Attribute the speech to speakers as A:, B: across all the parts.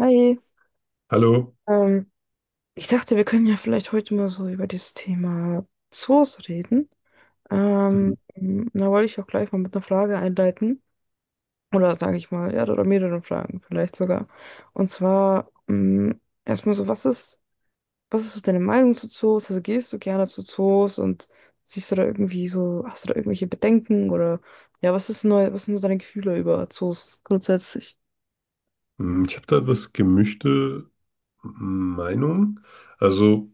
A: Hi.
B: Hallo.
A: Ähm, Ich dachte, wir können ja vielleicht heute mal so über das Thema Zoos reden.
B: Mhm.
A: Ähm, Da wollte ich auch gleich mal mit einer Frage einleiten. Oder sage ich mal, ja, oder mehreren Fragen vielleicht sogar. Und zwar erstmal so, was ist so deine Meinung zu Zoos? Also gehst du gerne zu Zoos und siehst du da irgendwie so, hast du da irgendwelche Bedenken oder ja, was ist neu, was sind so deine Gefühle über Zoos grundsätzlich?
B: Ich habe da etwas gemischte Meinung. Also,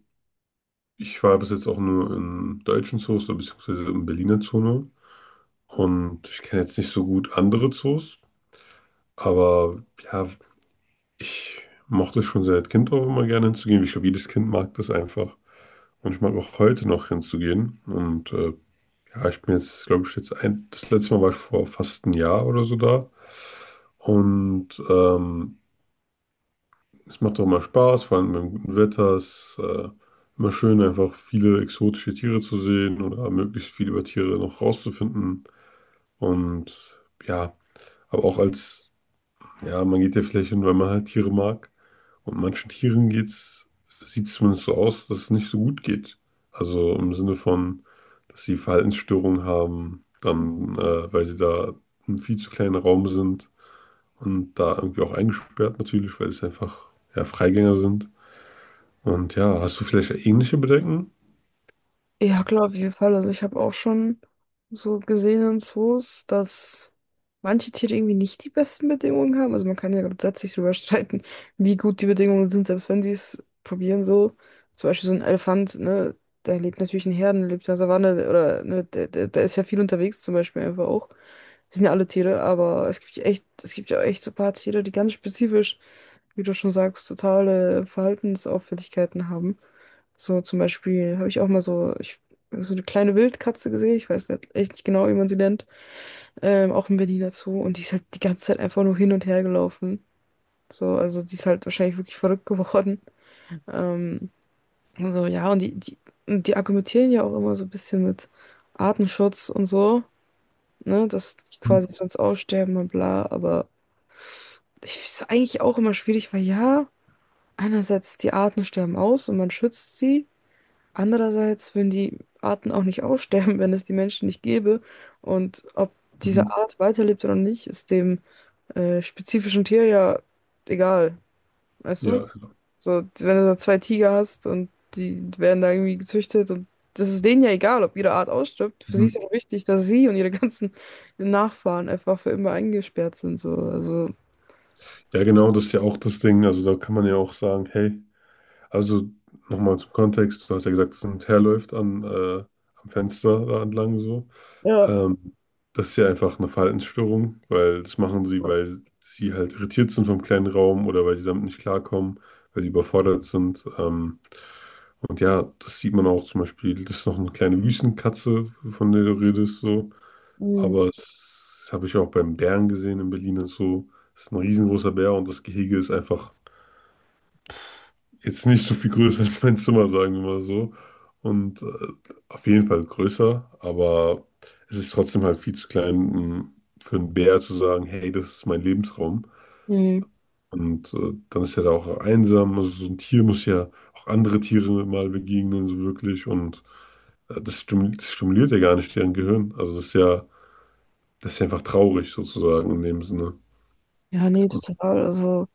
B: ich war bis jetzt auch nur in deutschen Zoos oder beziehungsweise im Berliner Zoo nur. Und ich kenne jetzt nicht so gut andere Zoos, aber ja, ich mochte schon seit Kind auch immer gerne hinzugehen. Ich glaube, jedes Kind mag das einfach, und ich mag auch heute noch hinzugehen, und ja, ich bin jetzt, glaube ich, jetzt ein, das letzte Mal war ich vor fast einem Jahr oder so da. Und es macht doch mal Spaß, vor allem beim guten Wetter. Es ist immer schön, einfach viele exotische Tiere zu sehen oder möglichst viel über Tiere noch rauszufinden. Und ja, aber auch als, ja, man geht ja vielleicht hin, weil man halt Tiere mag. Und manchen Tieren geht's, sieht es zumindest so aus, dass es nicht so gut geht. Also im Sinne von, dass sie Verhaltensstörungen haben, dann, weil sie da im viel zu kleinen Raum sind und da irgendwie auch eingesperrt natürlich, weil es einfach ja, Freigänger sind. Und ja, hast du vielleicht ähnliche Bedenken?
A: Ja, klar, auf jeden Fall. Also ich habe auch schon so gesehen in Zoos, dass manche Tiere irgendwie nicht die besten Bedingungen haben. Also man kann ja grundsätzlich darüber streiten, wie gut die Bedingungen sind, selbst wenn sie es probieren so. Zum Beispiel so ein Elefant, ne, der lebt natürlich in Herden, lebt in der Savanne oder ne, der ist ja viel unterwegs zum Beispiel einfach auch. Das sind ja alle Tiere, aber es gibt ja echt so ein paar Tiere, die ganz spezifisch, wie du schon sagst, totale Verhaltensauffälligkeiten haben. So zum Beispiel habe ich auch mal so, so eine kleine Wildkatze gesehen. Ich weiß nicht, echt nicht genau, wie man sie nennt. Auch im Berliner Zoo. Und die ist halt die ganze Zeit einfach nur hin und her gelaufen. So, also die ist halt wahrscheinlich wirklich verrückt geworden. Ähm, also ja, und und die argumentieren ja auch immer so ein bisschen mit Artenschutz und so, ne, dass die
B: Mhm.
A: quasi sonst aussterben und bla. Aber ich ist eigentlich auch immer schwierig, weil ja, einerseits die Arten sterben aus und man schützt sie. Andererseits würden die Arten auch nicht aussterben, wenn es die Menschen nicht gäbe. Und ob diese
B: Mhm.
A: Art weiterlebt oder nicht, ist dem spezifischen Tier ja egal. Weißt
B: Ja,
A: du?
B: also,
A: So, wenn du da zwei Tiger hast und die werden da irgendwie gezüchtet und das ist denen ja egal, ob ihre Art ausstirbt. Für sie ist
B: mhm.
A: ja wichtig, dass sie und ihre ganzen Nachfahren einfach für immer eingesperrt sind. So. Also,
B: Ja, genau, das ist ja auch das Ding. Also da kann man ja auch sagen, hey, also nochmal zum Kontext, du hast ja gesagt, dass ein Teer läuft an, am Fenster da entlang so.
A: ja.
B: Ähm, das ist ja einfach eine Verhaltensstörung, weil das machen sie, weil sie halt irritiert sind vom kleinen Raum oder weil sie damit nicht klarkommen, weil sie überfordert sind. Und ja, das sieht man auch zum Beispiel, das ist noch eine kleine Wüstenkatze, von der du redest, so.
A: Mhm.
B: Aber das habe ich auch beim Bären gesehen in Berlin und so. Das ist ein riesengroßer Bär, und das Gehege ist einfach jetzt nicht so viel größer als mein Zimmer, sagen wir mal so. Und auf jeden Fall größer, aber es ist trotzdem halt viel zu klein, um für einen Bär zu sagen, hey, das ist mein Lebensraum.
A: Mhm.
B: Und dann ist er da auch einsam. Also so ein Tier muss ja auch andere Tiere mal begegnen, so wirklich. Und das stimuliert ja gar nicht deren Gehirn. Also das ist ja einfach traurig sozusagen in dem Sinne.
A: Ja, nee, total. Also,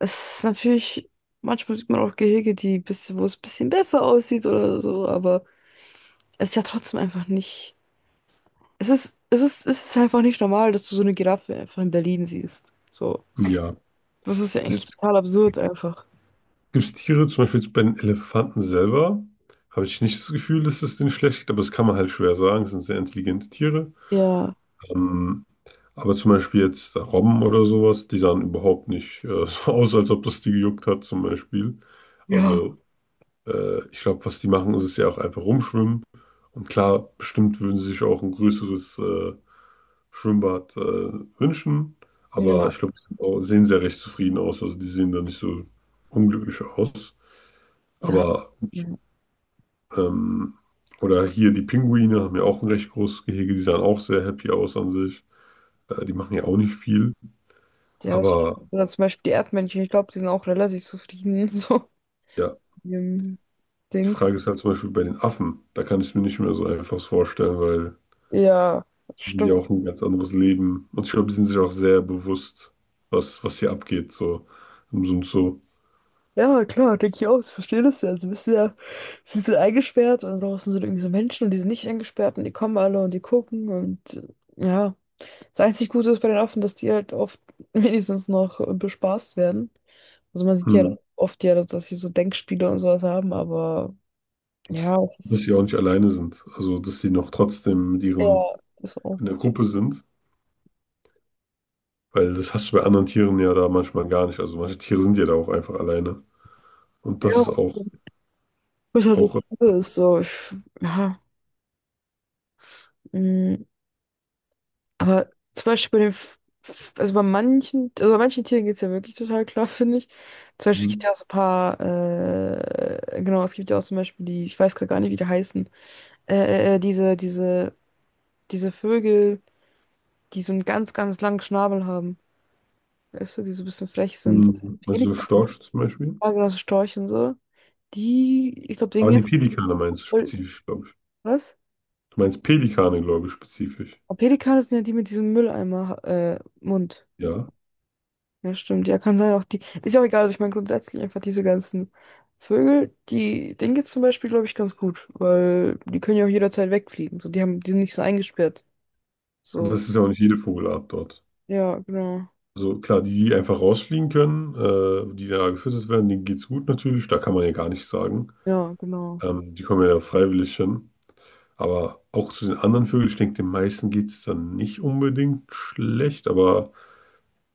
A: es ist natürlich, manchmal sieht man auch Gehege, die bisschen, wo es ein bisschen besser aussieht oder so, aber es ist ja trotzdem einfach nicht. Es ist einfach nicht normal, dass du so eine Giraffe einfach in Berlin siehst. So.
B: Ja.
A: Das ist ja
B: Es
A: eigentlich total absurd einfach.
B: gibt Tiere, zum Beispiel jetzt bei den Elefanten selber, habe ich nicht das Gefühl, dass es denen schlecht geht, aber das kann man halt schwer sagen. Es sind sehr intelligente Tiere.
A: Ja.
B: Ähm, aber zum Beispiel jetzt Robben oder sowas, die sahen überhaupt nicht so aus, als ob das die gejuckt hat, zum Beispiel.
A: Ja.
B: Also, ich glaube, was die machen, ist es ja auch einfach rumschwimmen. Und klar, bestimmt würden sie sich auch ein größeres Schwimmbad wünschen. Aber
A: Ja.
B: ich glaube, die sind auch- sehen sehr recht zufrieden aus. Also, die sehen da nicht so unglücklich aus.
A: Ja.
B: Aber,
A: Ja.
B: ähm, oder hier die Pinguine haben ja auch ein recht großes Gehege, die sahen auch sehr happy aus an sich. Die machen ja auch nicht viel.
A: Ja, das-
B: Aber
A: oder zum Beispiel die Erdmännchen, ich glaube, die sind auch relativ zufrieden, so
B: ja,
A: mit ihrem
B: die
A: Dings.
B: Frage ist halt zum Beispiel bei den Affen. Da kann ich es mir nicht mehr so einfach vorstellen, weil
A: Ja,
B: die sind ja
A: stimmt.
B: auch ein ganz anderes Leben. Und ich glaube, die sind sich auch sehr bewusst, was hier abgeht, so im Sinn so,
A: Ja, klar, denke ich auch. Ich verstehe das ja. Also, bist du ja, sie sind eingesperrt und draußen sind irgendwie so Menschen und die sind nicht eingesperrt und die kommen alle und die gucken und ja. Das einzig Gute ist bei den Affen, dass die halt oft wenigstens noch bespaßt werden. Also, man sieht ja
B: hm,
A: oft ja, dass sie so Denkspiele und sowas haben, aber ja, es
B: dass
A: ist
B: sie auch nicht alleine sind. Also, dass sie noch trotzdem mit ihren
A: ja, das ist
B: in der
A: auch,
B: Gruppe sind. Weil das hast du bei anderen Tieren ja da manchmal gar nicht. Also manche Tiere sind ja da auch einfach alleine. Und das
A: ja, was
B: ist
A: halt das
B: auch
A: Gute ist, so, ich, ja, mm. Aber zum Beispiel bei also bei also bei manchen Tieren geht es ja wirklich total klar, finde ich. Zum Beispiel gibt es
B: mm,
A: ja auch so ein paar, genau, es gibt ja auch zum Beispiel die, ich weiß gerade gar nicht, wie die heißen, äh, äh, äh, diese, diese, diese Vögel, die so einen ganz, ganz langen Schnabel haben, weißt du, die so ein bisschen frech sind.
B: also so
A: Pelikan,
B: Storch zum Beispiel.
A: ja, genau, so Storche und so. Die, ich glaube, denen
B: Aber nee,
A: jetzt,
B: Pelikane meinst du spezifisch, glaube ich.
A: was?
B: Du meinst Pelikane, glaube ich, spezifisch.
A: Aber Pelikane sind ja die mit diesem Mülleimer, Mund.
B: Ja.
A: Ja, stimmt. Ja, kann sein. Auch die. Ist ja auch egal. Also ich meine grundsätzlich einfach diese ganzen Vögel, die, denen geht's zum Beispiel, glaube ich, ganz gut. Weil die können ja auch jederzeit wegfliegen. So, die haben, die sind nicht so eingesperrt.
B: Aber
A: So.
B: das ist ja auch nicht jede Vogelart dort.
A: Ja, genau.
B: Also klar, die, die einfach rausfliegen können, die da gefüttert werden, denen geht's gut natürlich. Da kann man ja gar nichts sagen.
A: Ja, genau.
B: Die kommen ja da freiwillig hin. Aber auch zu den anderen Vögeln, ich denke, den meisten geht's dann nicht unbedingt schlecht. Aber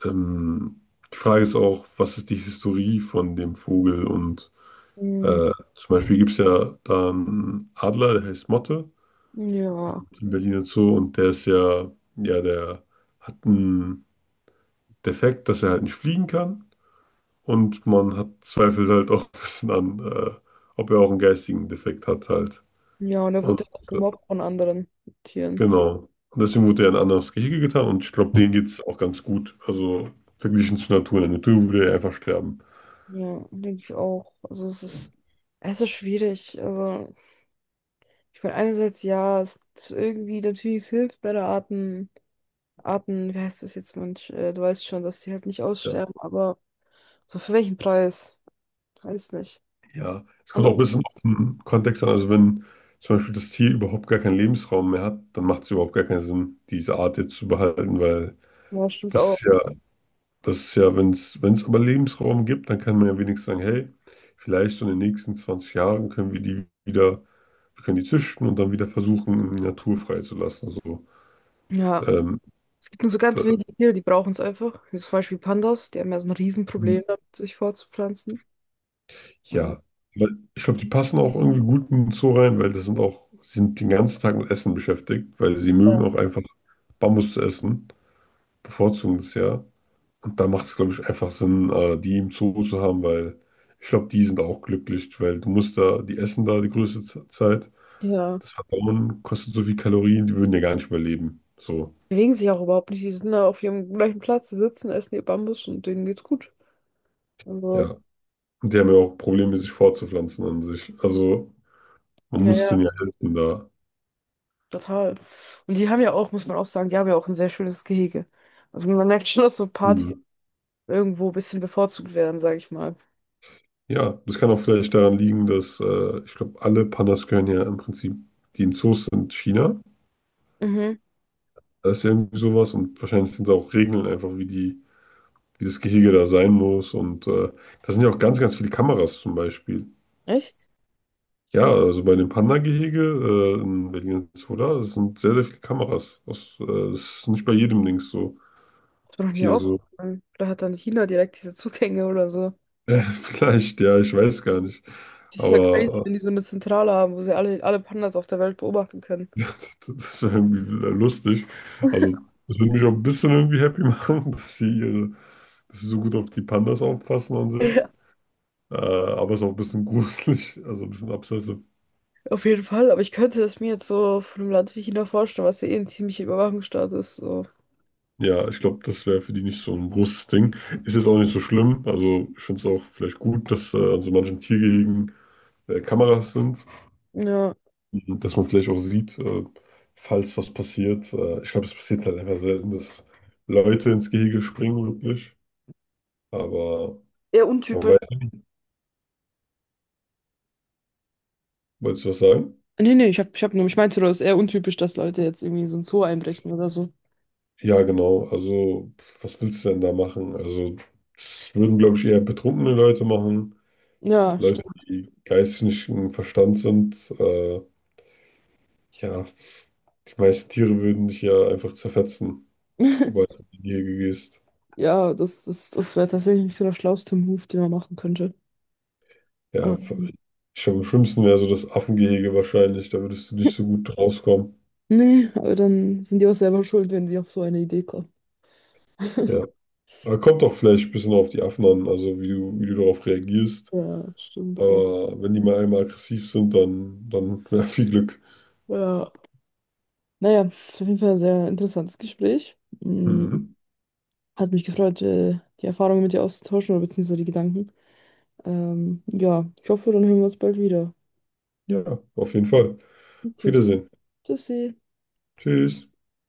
B: ähm, die Frage ist auch, was ist die Historie von dem Vogel und
A: Hm,
B: Zum Beispiel gibt es ja da einen Adler, der heißt Motte,
A: ja.
B: in Berlin und so, und der ist ja, ja, der hat einen Defekt, dass er halt nicht fliegen kann. Und man hat zweifelt halt auch ein bisschen an, ob er auch einen geistigen Defekt hat halt.
A: Ja, und er
B: Und
A: wird ja auch
B: äh,
A: gemobbt von anderen Tieren.
B: genau. Und deswegen wurde er in ein anderes Gehege getan, und ich glaube, denen geht es auch ganz gut. Also verglichen zur Natur. In der Natur würde er einfach sterben.
A: Ja, denke ich auch. Also es ist schwierig. Also, ich meine, einerseits ja, es ist irgendwie natürlich, es hilft bei der Arten, Arten, wie heißt das jetzt manch, du weißt schon, dass sie halt nicht
B: Ja.
A: aussterben, aber so für welchen Preis? Weiß nicht.
B: Ja, es kommt auch ein
A: Anderes,
B: bisschen auf den Kontext an. Also wenn zum Beispiel das Tier überhaupt gar keinen Lebensraum mehr hat, dann macht es überhaupt gar keinen Sinn, diese Art jetzt zu behalten, weil
A: ja, stimmt
B: das
A: auch.
B: ist ja, das ist ja, wenn es, wenn es aber Lebensraum gibt, dann kann man ja wenigstens sagen, hey, vielleicht so in den nächsten 20 Jahren können wir die wieder, wir können die züchten und dann wieder versuchen, in die Natur freizulassen. So,
A: Ja.
B: ähm,
A: Es gibt nur so ganz
B: da,
A: wenige Tiere, die brauchen es einfach. Wie zum Beispiel Pandas, die haben ja so ein Riesenproblem damit, sich fortzupflanzen. Ja.
B: ja, aber ich glaube, die passen auch irgendwie gut in den Zoo rein, weil das sind auch, sie sind den ganzen Tag mit Essen beschäftigt, weil sie mögen auch einfach Bambus zu essen, bevorzugen das ja. Und da macht es, glaube ich, einfach Sinn, die im Zoo zu haben, weil ich glaube, die sind auch glücklich, weil du musst da, die essen da die größte Z- Zeit.
A: Ja.
B: Das Verdauen kostet so viel Kalorien, die würden ja gar nicht überleben. So,
A: Bewegen sich auch überhaupt nicht. Die sind da auf ihrem gleichen Platz, die sitzen, essen ihr Bambus und denen geht's gut. Also,
B: ja. Und die haben ja auch Probleme, sich fortzupflanzen an sich. Also man
A: ja,
B: muss
A: ja,
B: denen ja helfen da.
A: total. Und die haben ja auch, muss man auch sagen, die haben ja auch ein sehr schönes Gehege. Also man merkt schon, dass so Party
B: Mhm.
A: irgendwo ein bisschen bevorzugt werden, sag ich mal.
B: Ja, das kann auch vielleicht daran liegen, dass ich glaube, alle Pandas gehören ja im Prinzip, die in Zoos sind, China.
A: Mhm.
B: Da ist ja irgendwie sowas, und wahrscheinlich sind da auch Regeln einfach, wie die, wie das Gehege da sein muss. Und da sind ja auch ganz, ganz viele Kameras zum Beispiel.
A: Echt?
B: Ja, also bei dem Panda-Gehege in Berlin Zoo da das sind sehr, sehr viele Kameras. Das, das ist nicht bei jedem Dings so,
A: Das war noch nie.
B: Tier so.
A: Vielleicht hat dann China direkt diese Zugänge oder so.
B: Vielleicht, ja, ich weiß gar nicht.
A: Das ist ja crazy,
B: Aber
A: wenn die so eine Zentrale haben, wo sie alle Pandas auf der Welt beobachten können.
B: das wäre irgendwie lustig. Also, das würde mich auch ein bisschen irgendwie happy machen, dass sie, ihre, dass sie so gut auf die Pandas aufpassen an sich.
A: Ja,
B: Aber es ist auch ein bisschen gruselig, also ein bisschen obsessive.
A: auf jeden Fall. Aber ich könnte es mir jetzt so von einem Land wie China vorstellen, was ja eh ein ziemlicher Überwachungsstaat ist. So.
B: Ja, ich glaube, das wäre für die nicht so ein großes Ding. Ist jetzt auch nicht so schlimm. Also, ich finde es auch vielleicht gut, dass an so manchen Tiergehegen Kameras sind,
A: Ja.
B: dass man vielleicht auch sieht, falls was passiert. Ich glaube, es passiert halt einfach selten, dass Leute ins Gehege springen, wirklich. Aber.
A: Eher
B: Man
A: untypisch.
B: weiß. Wolltest du was sagen?
A: Nee, ich hab nur, ich meinte nur, es ist eher untypisch, dass Leute jetzt irgendwie so ein Zoo einbrechen oder so.
B: Ja, genau. Also, pf, was willst du denn da machen? Also, das würden, glaube ich, eher betrunkene Leute machen.
A: Ja,
B: Leute,
A: stimmt.
B: die geistig nicht im Verstand sind. Ja, die meisten Tiere würden dich ja einfach zerfetzen, sobald du in die Gehege gehst.
A: Ja, das wäre tatsächlich so der schlauste Move, den man machen könnte.
B: Ja, f-
A: Ähm,
B: ich glaube, am schlimmsten wäre so das Affengehege wahrscheinlich. Da würdest du nicht so gut rauskommen.
A: Nee, aber dann sind die auch selber schuld, wenn sie auf so eine Idee kommen.
B: Ja, aber kommt auch vielleicht ein bisschen auf die Affen an, also wie du darauf reagierst.
A: Ja, stimmt auch.
B: Aber wenn die mal einmal aggressiv sind, dann, dann ja, viel Glück.
A: Ja. Naja, ist auf jeden Fall ein sehr interessantes Gespräch. Mm,
B: Mhm.
A: hat mich gefreut, die Erfahrungen mit dir auszutauschen oder beziehungsweise die Gedanken. Ja, ich hoffe, dann hören wir uns bald wieder.
B: Ja, auf jeden Fall. Auf
A: Okay, so.
B: Wiedersehen.
A: Tschüssi.
B: Tschüss.